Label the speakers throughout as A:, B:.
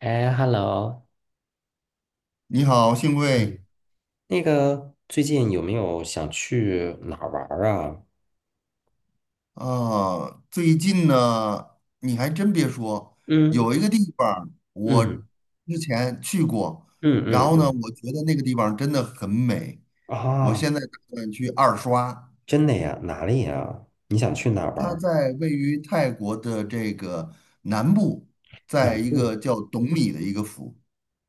A: 哎，hello，
B: 你好，幸
A: 嗯，
B: 会
A: 那个最近有没有想去哪儿玩儿啊？
B: 啊！最近呢，你还真别说，有
A: 嗯
B: 一个地方儿我
A: 嗯
B: 之前去过，
A: 嗯
B: 然
A: 嗯
B: 后呢，
A: 嗯
B: 我觉得那个地方真的很美，我
A: 啊，
B: 现在打算去二刷。
A: 真的呀？哪里呀？你想去哪儿玩
B: 它
A: 儿？
B: 在位于泰国的这个南部，在
A: 南
B: 一
A: 部，
B: 个叫董里的一个府，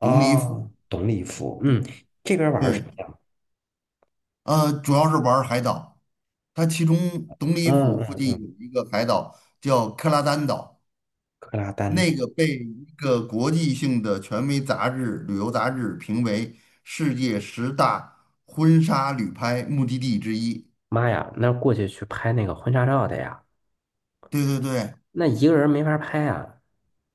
B: 董里府。
A: 懂礼服，嗯，这边儿玩儿什
B: 对，
A: 么呀？
B: 主要是玩儿海岛。它其中董里
A: 嗯
B: 府附
A: 嗯
B: 近
A: 嗯，
B: 有一个海岛叫克拉丹岛。
A: 克拉丹
B: 那
A: 岛。
B: 个被一个国际性的权威杂志、旅游杂志评为世界十大婚纱旅拍目的地之一。
A: 妈呀，那过去去拍那个婚纱照的呀，
B: 对对对，
A: 那一个人没法拍啊，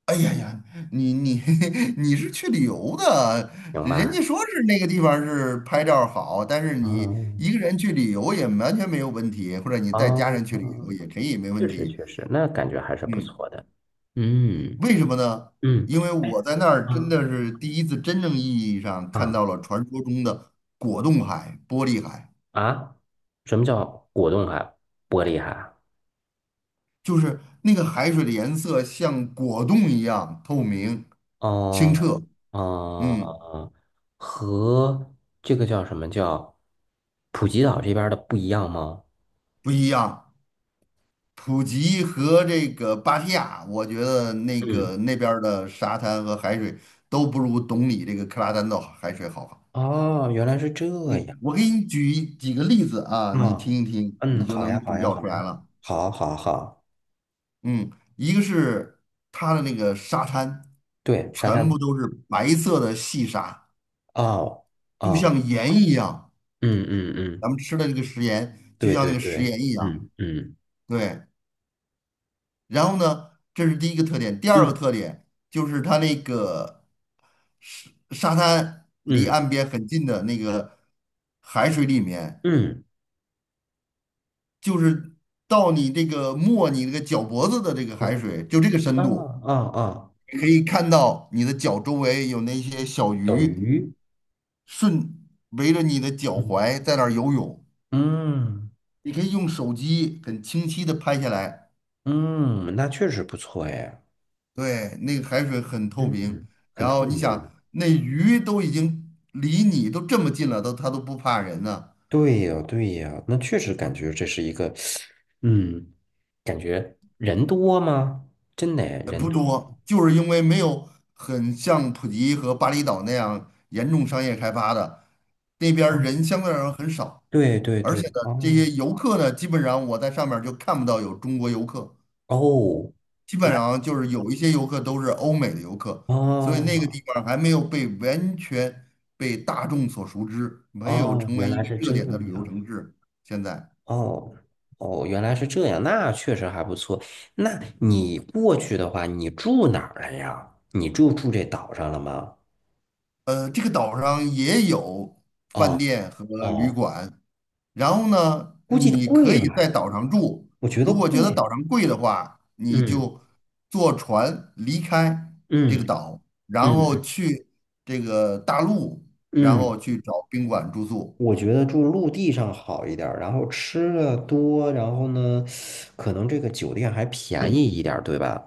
B: 哎呀呀，你 你是去旅游的，
A: 行
B: 人家
A: 吧？
B: 说是那个地方是拍照儿好，但是你
A: 嗯
B: 一个人去旅游也完全没有问题，或者你
A: 啊，
B: 带家人去旅游也可以没
A: 确
B: 问
A: 实
B: 题。
A: 确实，那感觉还是不
B: 嗯。
A: 错的。嗯。
B: 为什么呢？
A: 嗯，
B: 因为我
A: 哎，
B: 在那儿真
A: 啊
B: 的是第一次真正意义上看
A: 啊
B: 到了传说中的果冻海、玻璃海，
A: 啊！什么叫果冻海、玻璃海？
B: 就是那个海水的颜色像果冻一样透明、清
A: 哦
B: 澈，嗯，
A: 哦，和这个叫什么叫普吉岛这边儿的不一样吗？
B: 不一样。普吉和这个芭提雅，我觉得那
A: 嗯，
B: 个那边儿的沙滩和海水都不如懂你这个克拉丹岛海水好。
A: 哦，原来是这样。
B: 嗯，我给你举几个例子啊，你
A: 啊，
B: 听一听，你
A: 嗯，
B: 就
A: 好呀，
B: 能
A: 好
B: 比
A: 呀，
B: 较
A: 好
B: 出来
A: 呀，
B: 了。
A: 好，好，好，
B: 嗯，一个是它的那个沙滩，
A: 对，沙
B: 全部
A: 滩。
B: 都是白色的细沙，
A: 哦，
B: 就
A: 哦，
B: 像盐一样。
A: 嗯嗯嗯，
B: 咱们吃的这个食盐，就
A: 对
B: 像那
A: 对
B: 个
A: 对，
B: 食盐一样。
A: 嗯嗯
B: 对，然后呢，这是第一个特点。第二
A: 嗯
B: 个特点就是它那个沙滩离
A: 嗯
B: 岸边很近的那个海水里面，
A: 嗯，
B: 就是到你这个没你这个脚脖子的这个海
A: 嗯
B: 水，就这个深
A: 啊
B: 度，
A: 啊啊，
B: 可以看到你的脚周围有那些小
A: 小
B: 鱼。
A: 鱼。
B: 顺围着你的脚
A: 嗯
B: 踝在那儿游泳，
A: 嗯
B: 你可以用手机很清晰的拍下来，
A: 嗯，那确实不错哎，
B: 对，那个海水很透
A: 嗯，
B: 明，
A: 嗯，很
B: 然
A: 透
B: 后你
A: 明。
B: 想那鱼都已经离你都这么近了，都它都不怕人呢、
A: 对呀，对呀，那确实感觉这是一个，嗯，感觉人多吗？真的哎人
B: 不
A: 多。
B: 多，就是因为没有很像普吉和巴厘岛那样严重商业开发的，那边儿
A: 哦
B: 人相对来说很少，
A: 对对
B: 而
A: 对，
B: 且呢，这
A: 哦
B: 些游客呢，基本上我在上面儿就看不到有中国游客。
A: 哦，
B: 基本
A: 那
B: 上就是有一些游客都是欧美的游客，所以那个
A: 哦
B: 地方还没有被完全被大众所熟知，没有
A: 哦，
B: 成
A: 原
B: 为一
A: 来
B: 个
A: 是
B: 热
A: 这
B: 点的旅游
A: 样，
B: 城市。现在，
A: 哦哦，原来是这样，那确实还不错。那你过去的话，你住哪儿了呀？你就住这岛上了吗？
B: 这个岛上也有饭
A: 哦
B: 店和旅
A: 哦
B: 馆，然后呢，
A: 估计
B: 你可
A: 贵
B: 以在
A: 吧，
B: 岛上住，
A: 我觉得
B: 如果觉得
A: 贵。
B: 岛上贵的话，你
A: 嗯
B: 就坐船离开这
A: 嗯
B: 个岛，然
A: 嗯
B: 后
A: 嗯
B: 去这个大陆，然
A: 嗯，
B: 后去找宾馆住宿。
A: 我觉得住陆地上好一点儿，然后吃的多，然后呢，可能这个酒店还便宜一点儿，对吧？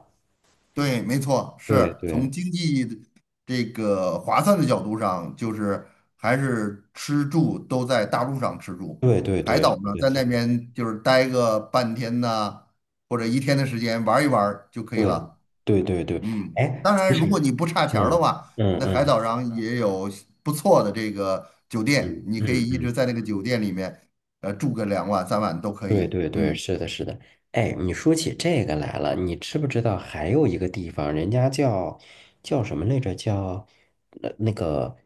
B: 对，没错，
A: 对
B: 是从
A: 对
B: 经济的这个划算的角度上，就是还是吃住都在大陆上吃住，
A: 对对
B: 海岛
A: 对，是
B: 呢
A: 的，
B: 在
A: 是
B: 那边就是待个半天呐、或者一天的时间玩一玩儿就可以
A: 的，
B: 了。
A: 对对对对。
B: 嗯，
A: 哎，
B: 当
A: 其
B: 然，如果
A: 实，
B: 你不差钱儿的
A: 嗯
B: 话，
A: 嗯
B: 那海
A: 嗯
B: 岛上也有不错的这个酒店，
A: 嗯
B: 你可
A: 嗯
B: 以一直
A: 嗯。
B: 在那个酒店里面，住个两晚三晚都可
A: 对
B: 以。
A: 对对，
B: 嗯，
A: 是的，是的。哎，你说起这个来了，你知不知道还有一个地方，人家叫什么来着？叫那个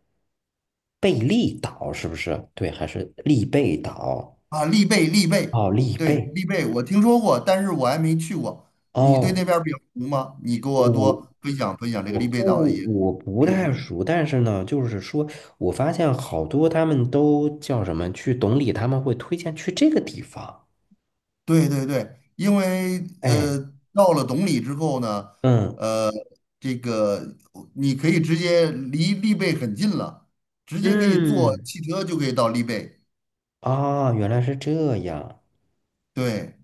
A: 贝利岛，是不是？对，还是利贝岛？
B: 啊，丽贝，丽贝，
A: 哦，利
B: 对，
A: 贝。
B: 丽贝，我听说过，但是我还没去过。你对那
A: 哦，
B: 边儿比较熟吗？你给我
A: 我
B: 多分享分享这个
A: 我
B: 丽贝岛的一些
A: 不我不
B: 知
A: 太
B: 识。
A: 熟，但是呢，就是说我发现好多他们都叫什么去懂理，他们会推荐去这个地方。
B: 对对对，因为
A: 哎，
B: 到了懂里之后呢，
A: 嗯
B: 呃，这个你可以直接离丽贝很近了，直接可以坐
A: 嗯，
B: 汽车就可以到丽贝。
A: 啊，原来是这样。
B: 对，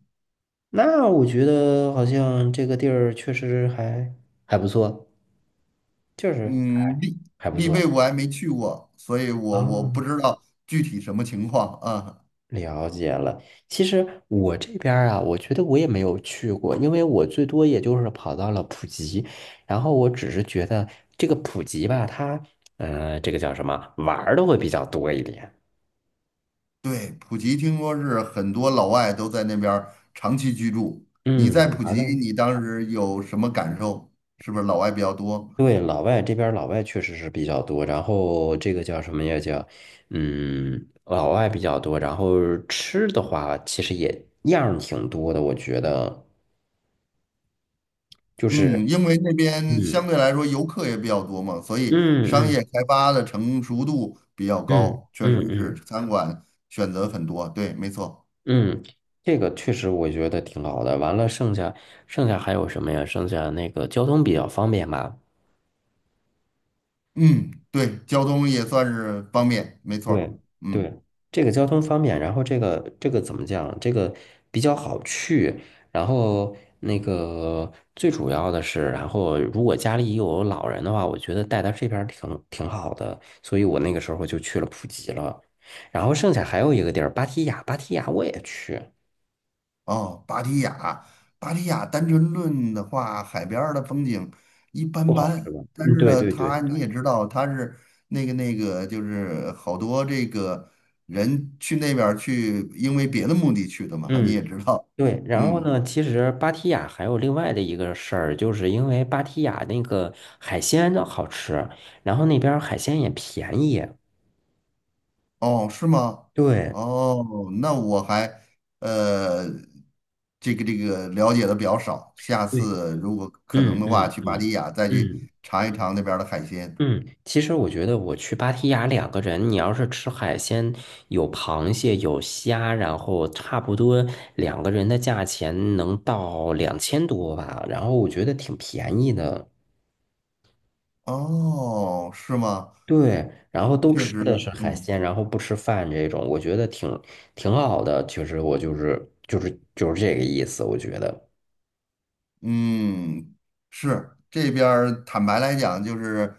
A: 那我觉得好像这个地儿确实还不错，就是
B: 嗯，丽
A: 还不
B: 丽贝
A: 错
B: 我还没去过，所以我不
A: 啊，
B: 知道具体什么情况啊。
A: 了解了。其实我这边儿啊，我觉得我也没有去过，因为我最多也就是跑到了普吉，然后我只是觉得这个普吉吧，它这个叫什么，玩儿的会比较多一点。
B: 对，普吉听说是很多老外都在那边儿长期居住。你
A: 嗯，
B: 在普
A: 玩儿的。
B: 吉，你当时有什么感受？是不是老外比较多？
A: 对，老外这边儿老外确实是比较多，然后这个叫什么呀？叫老外比较多，然后吃的话其实也样儿挺多的，我觉得就
B: 嗯，
A: 是
B: 因为那边相
A: 嗯
B: 对来说游客也比较多嘛，所以
A: 嗯
B: 商
A: 嗯
B: 业开发的成熟度比较
A: 嗯
B: 高，确实
A: 嗯
B: 是
A: 嗯
B: 餐馆选择很多。对，没错。
A: 嗯，这个确实我觉得挺好的。完了，剩下还有什么呀？剩下那个交通比较方便吧。
B: 嗯，对，交通也算是方便，没错
A: 对
B: 儿。嗯。
A: 对，这个交通方便，然后这个怎么讲？这个比较好去，然后那个最主要的是，然后如果家里有老人的话，我觉得带到这边儿挺好的，所以我那个时候就去了普吉了。然后剩下还有一个地儿，芭提雅，芭提雅我也去，
B: 哦，芭提雅，芭提雅单纯论的话，海边儿的风景一般
A: 不好是
B: 般，
A: 吧？
B: 但
A: 嗯，
B: 是
A: 对
B: 呢，
A: 对对，
B: 它你也知道，它是那个那个，就是好多这个人去那边儿去，因为别的目的去的嘛，你
A: 嗯。
B: 也知道，
A: 对，然后
B: 嗯，
A: 呢，其实芭提雅还有另外的一个事儿，就是因为芭提雅那个海鲜的好吃，然后那边儿海鲜也便宜。
B: 哦，是吗？
A: 对，
B: 哦，那我还呃，这个这个了解的比较少，下
A: 对，
B: 次如果可能
A: 嗯
B: 的话，
A: 嗯
B: 去芭
A: 嗯
B: 提雅再去
A: 嗯
B: 尝一尝那边儿的海鲜。
A: 嗯，其实我觉得我去芭提雅两个人，你要是吃海鲜，有螃蟹有虾，然后差不多两个人的价钱能到2000多吧，然后我觉得挺便宜的。
B: 哦，是吗？
A: 对，然后都
B: 确
A: 吃的
B: 实，
A: 是海
B: 嗯
A: 鲜，然后不吃饭这种，我觉得挺好的。其实我就是这个意思，我觉得。
B: 嗯，是这边儿坦白来讲，就是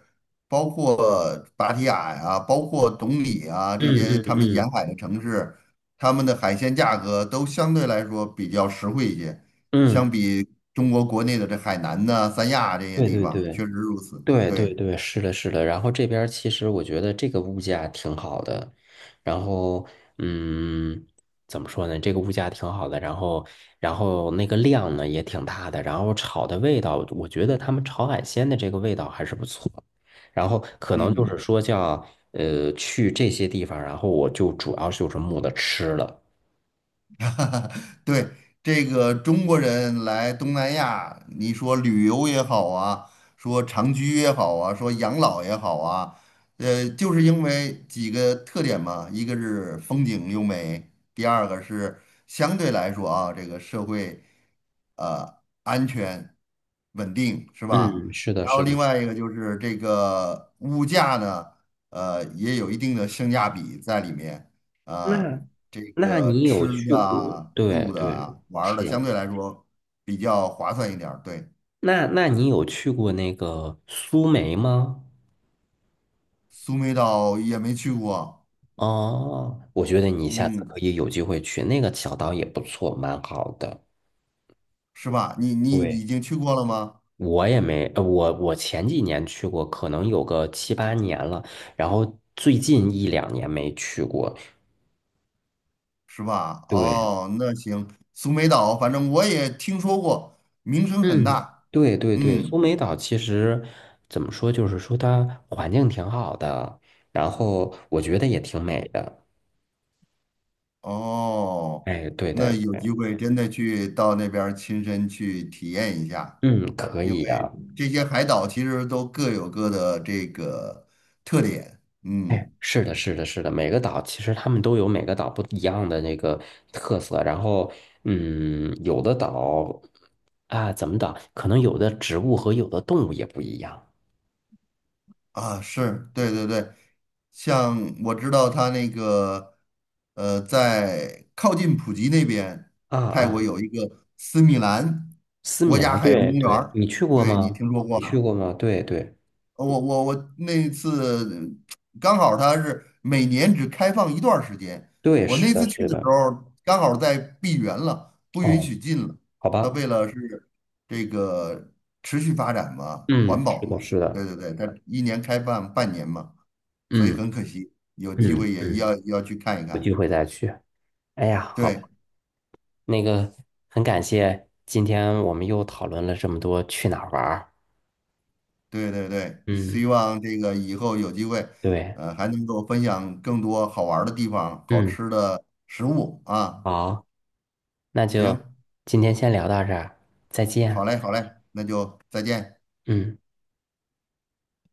B: 包括芭提雅呀、包括董里啊这些
A: 嗯嗯
B: 他们
A: 嗯
B: 沿海的城市，他们的海鲜价格都相对来说比较实惠一些，相
A: 嗯，
B: 比中国国内的这海南呐、三亚这些
A: 对
B: 地
A: 对
B: 方，
A: 对。
B: 确实如此。
A: 对对
B: 对，
A: 对，是的，是的。然后这边儿其实我觉得这个物价挺好的，然后嗯，怎么说呢？这个物价挺好的，然后那个量呢也挺大的，然后炒的味道，我觉得他们炒海鲜的这个味道还是不错。然后可能就
B: 嗯。
A: 是说叫去这些地方，然后我就主要就是慕的吃了。
B: 对，这个中国人来东南亚，你说旅游也好啊，说长居也好啊，说养老也好啊，就是因为几个特点嘛，一个是风景优美，第二个是相对来说啊，这个社会安全稳定是吧？
A: 嗯，是的，
B: 然后
A: 是的。
B: 另外一个就是这个物价呢，也有一定的性价比在里面啊。
A: 那
B: 这
A: 那
B: 个
A: 你
B: 吃
A: 有去
B: 的
A: 过？
B: 啊
A: 对
B: 住的
A: 对，
B: 啊玩儿的，相
A: 是。
B: 对来说比较划算一点儿对，
A: 那你有去过那个苏梅吗？
B: 苏梅岛也没去过，
A: 哦，我觉得你下次可
B: 嗯，
A: 以有机会去，那个小岛也不错，蛮好的。
B: 是吧？你你已
A: 对，
B: 经去过了吗？
A: 我也没，我前几年去过，可能有个七八年了，然后最近一两年没去过。
B: 是吧？
A: 对，
B: 哦，那行，苏梅岛，反正我也听说过，名声很
A: 嗯，
B: 大。
A: 对对对，
B: 嗯，
A: 苏梅岛其实怎么说，就是说它环境挺好的，然后我觉得也挺美的。
B: 哦，
A: 哎，对
B: 那
A: 对，
B: 有机
A: 对
B: 会真的去到那边儿亲身去体验一下，
A: 嗯，可
B: 因
A: 以
B: 为
A: 呀。
B: 这些海岛其实都各有各的这个特点。
A: 哎，
B: 嗯。
A: 是的，是的，是的，每个岛其实他们都有每个岛不一样的那个特色，然后，嗯，有的岛啊，怎么岛，可能有的植物和有的动物也不一样。
B: 啊，是对对对，像我知道他那个，在靠近普吉那边，
A: 啊
B: 泰国
A: 啊，
B: 有一个斯米兰
A: 斯
B: 国
A: 米
B: 家
A: 兰，
B: 海洋公
A: 对
B: 园
A: 对，
B: 儿，
A: 你去过
B: 对你
A: 吗？
B: 听说过
A: 你去
B: 吗？
A: 过吗？对对
B: 我那次刚好他是每年只开放一段儿时间，
A: 对，
B: 我
A: 是
B: 那
A: 的，
B: 次去
A: 是
B: 的时
A: 的。
B: 候刚好在闭园了，不允
A: 哦，
B: 许进了。
A: 好
B: 他
A: 吧，
B: 为了是这个持续发展嘛，环
A: 嗯，是
B: 保嘛，
A: 的，是
B: 对
A: 的，
B: 对对，他一年开放半年嘛，所以
A: 嗯
B: 很可惜，有机
A: 嗯
B: 会也
A: 嗯，
B: 要去看一
A: 有
B: 看。
A: 机会再去。哎呀，好吧，
B: 对
A: 那个很感谢今天我们又讨论了这么多去哪儿玩儿。
B: 对对对，
A: 嗯，
B: 希望这个以后有机会，
A: 对。
B: 还能够分享更多好玩儿的地方、好
A: 嗯，
B: 吃的食物啊。
A: 好，那
B: 行。
A: 就今天先聊到这儿，再
B: 好
A: 见。
B: 嘞，好嘞，那就再见。
A: 嗯。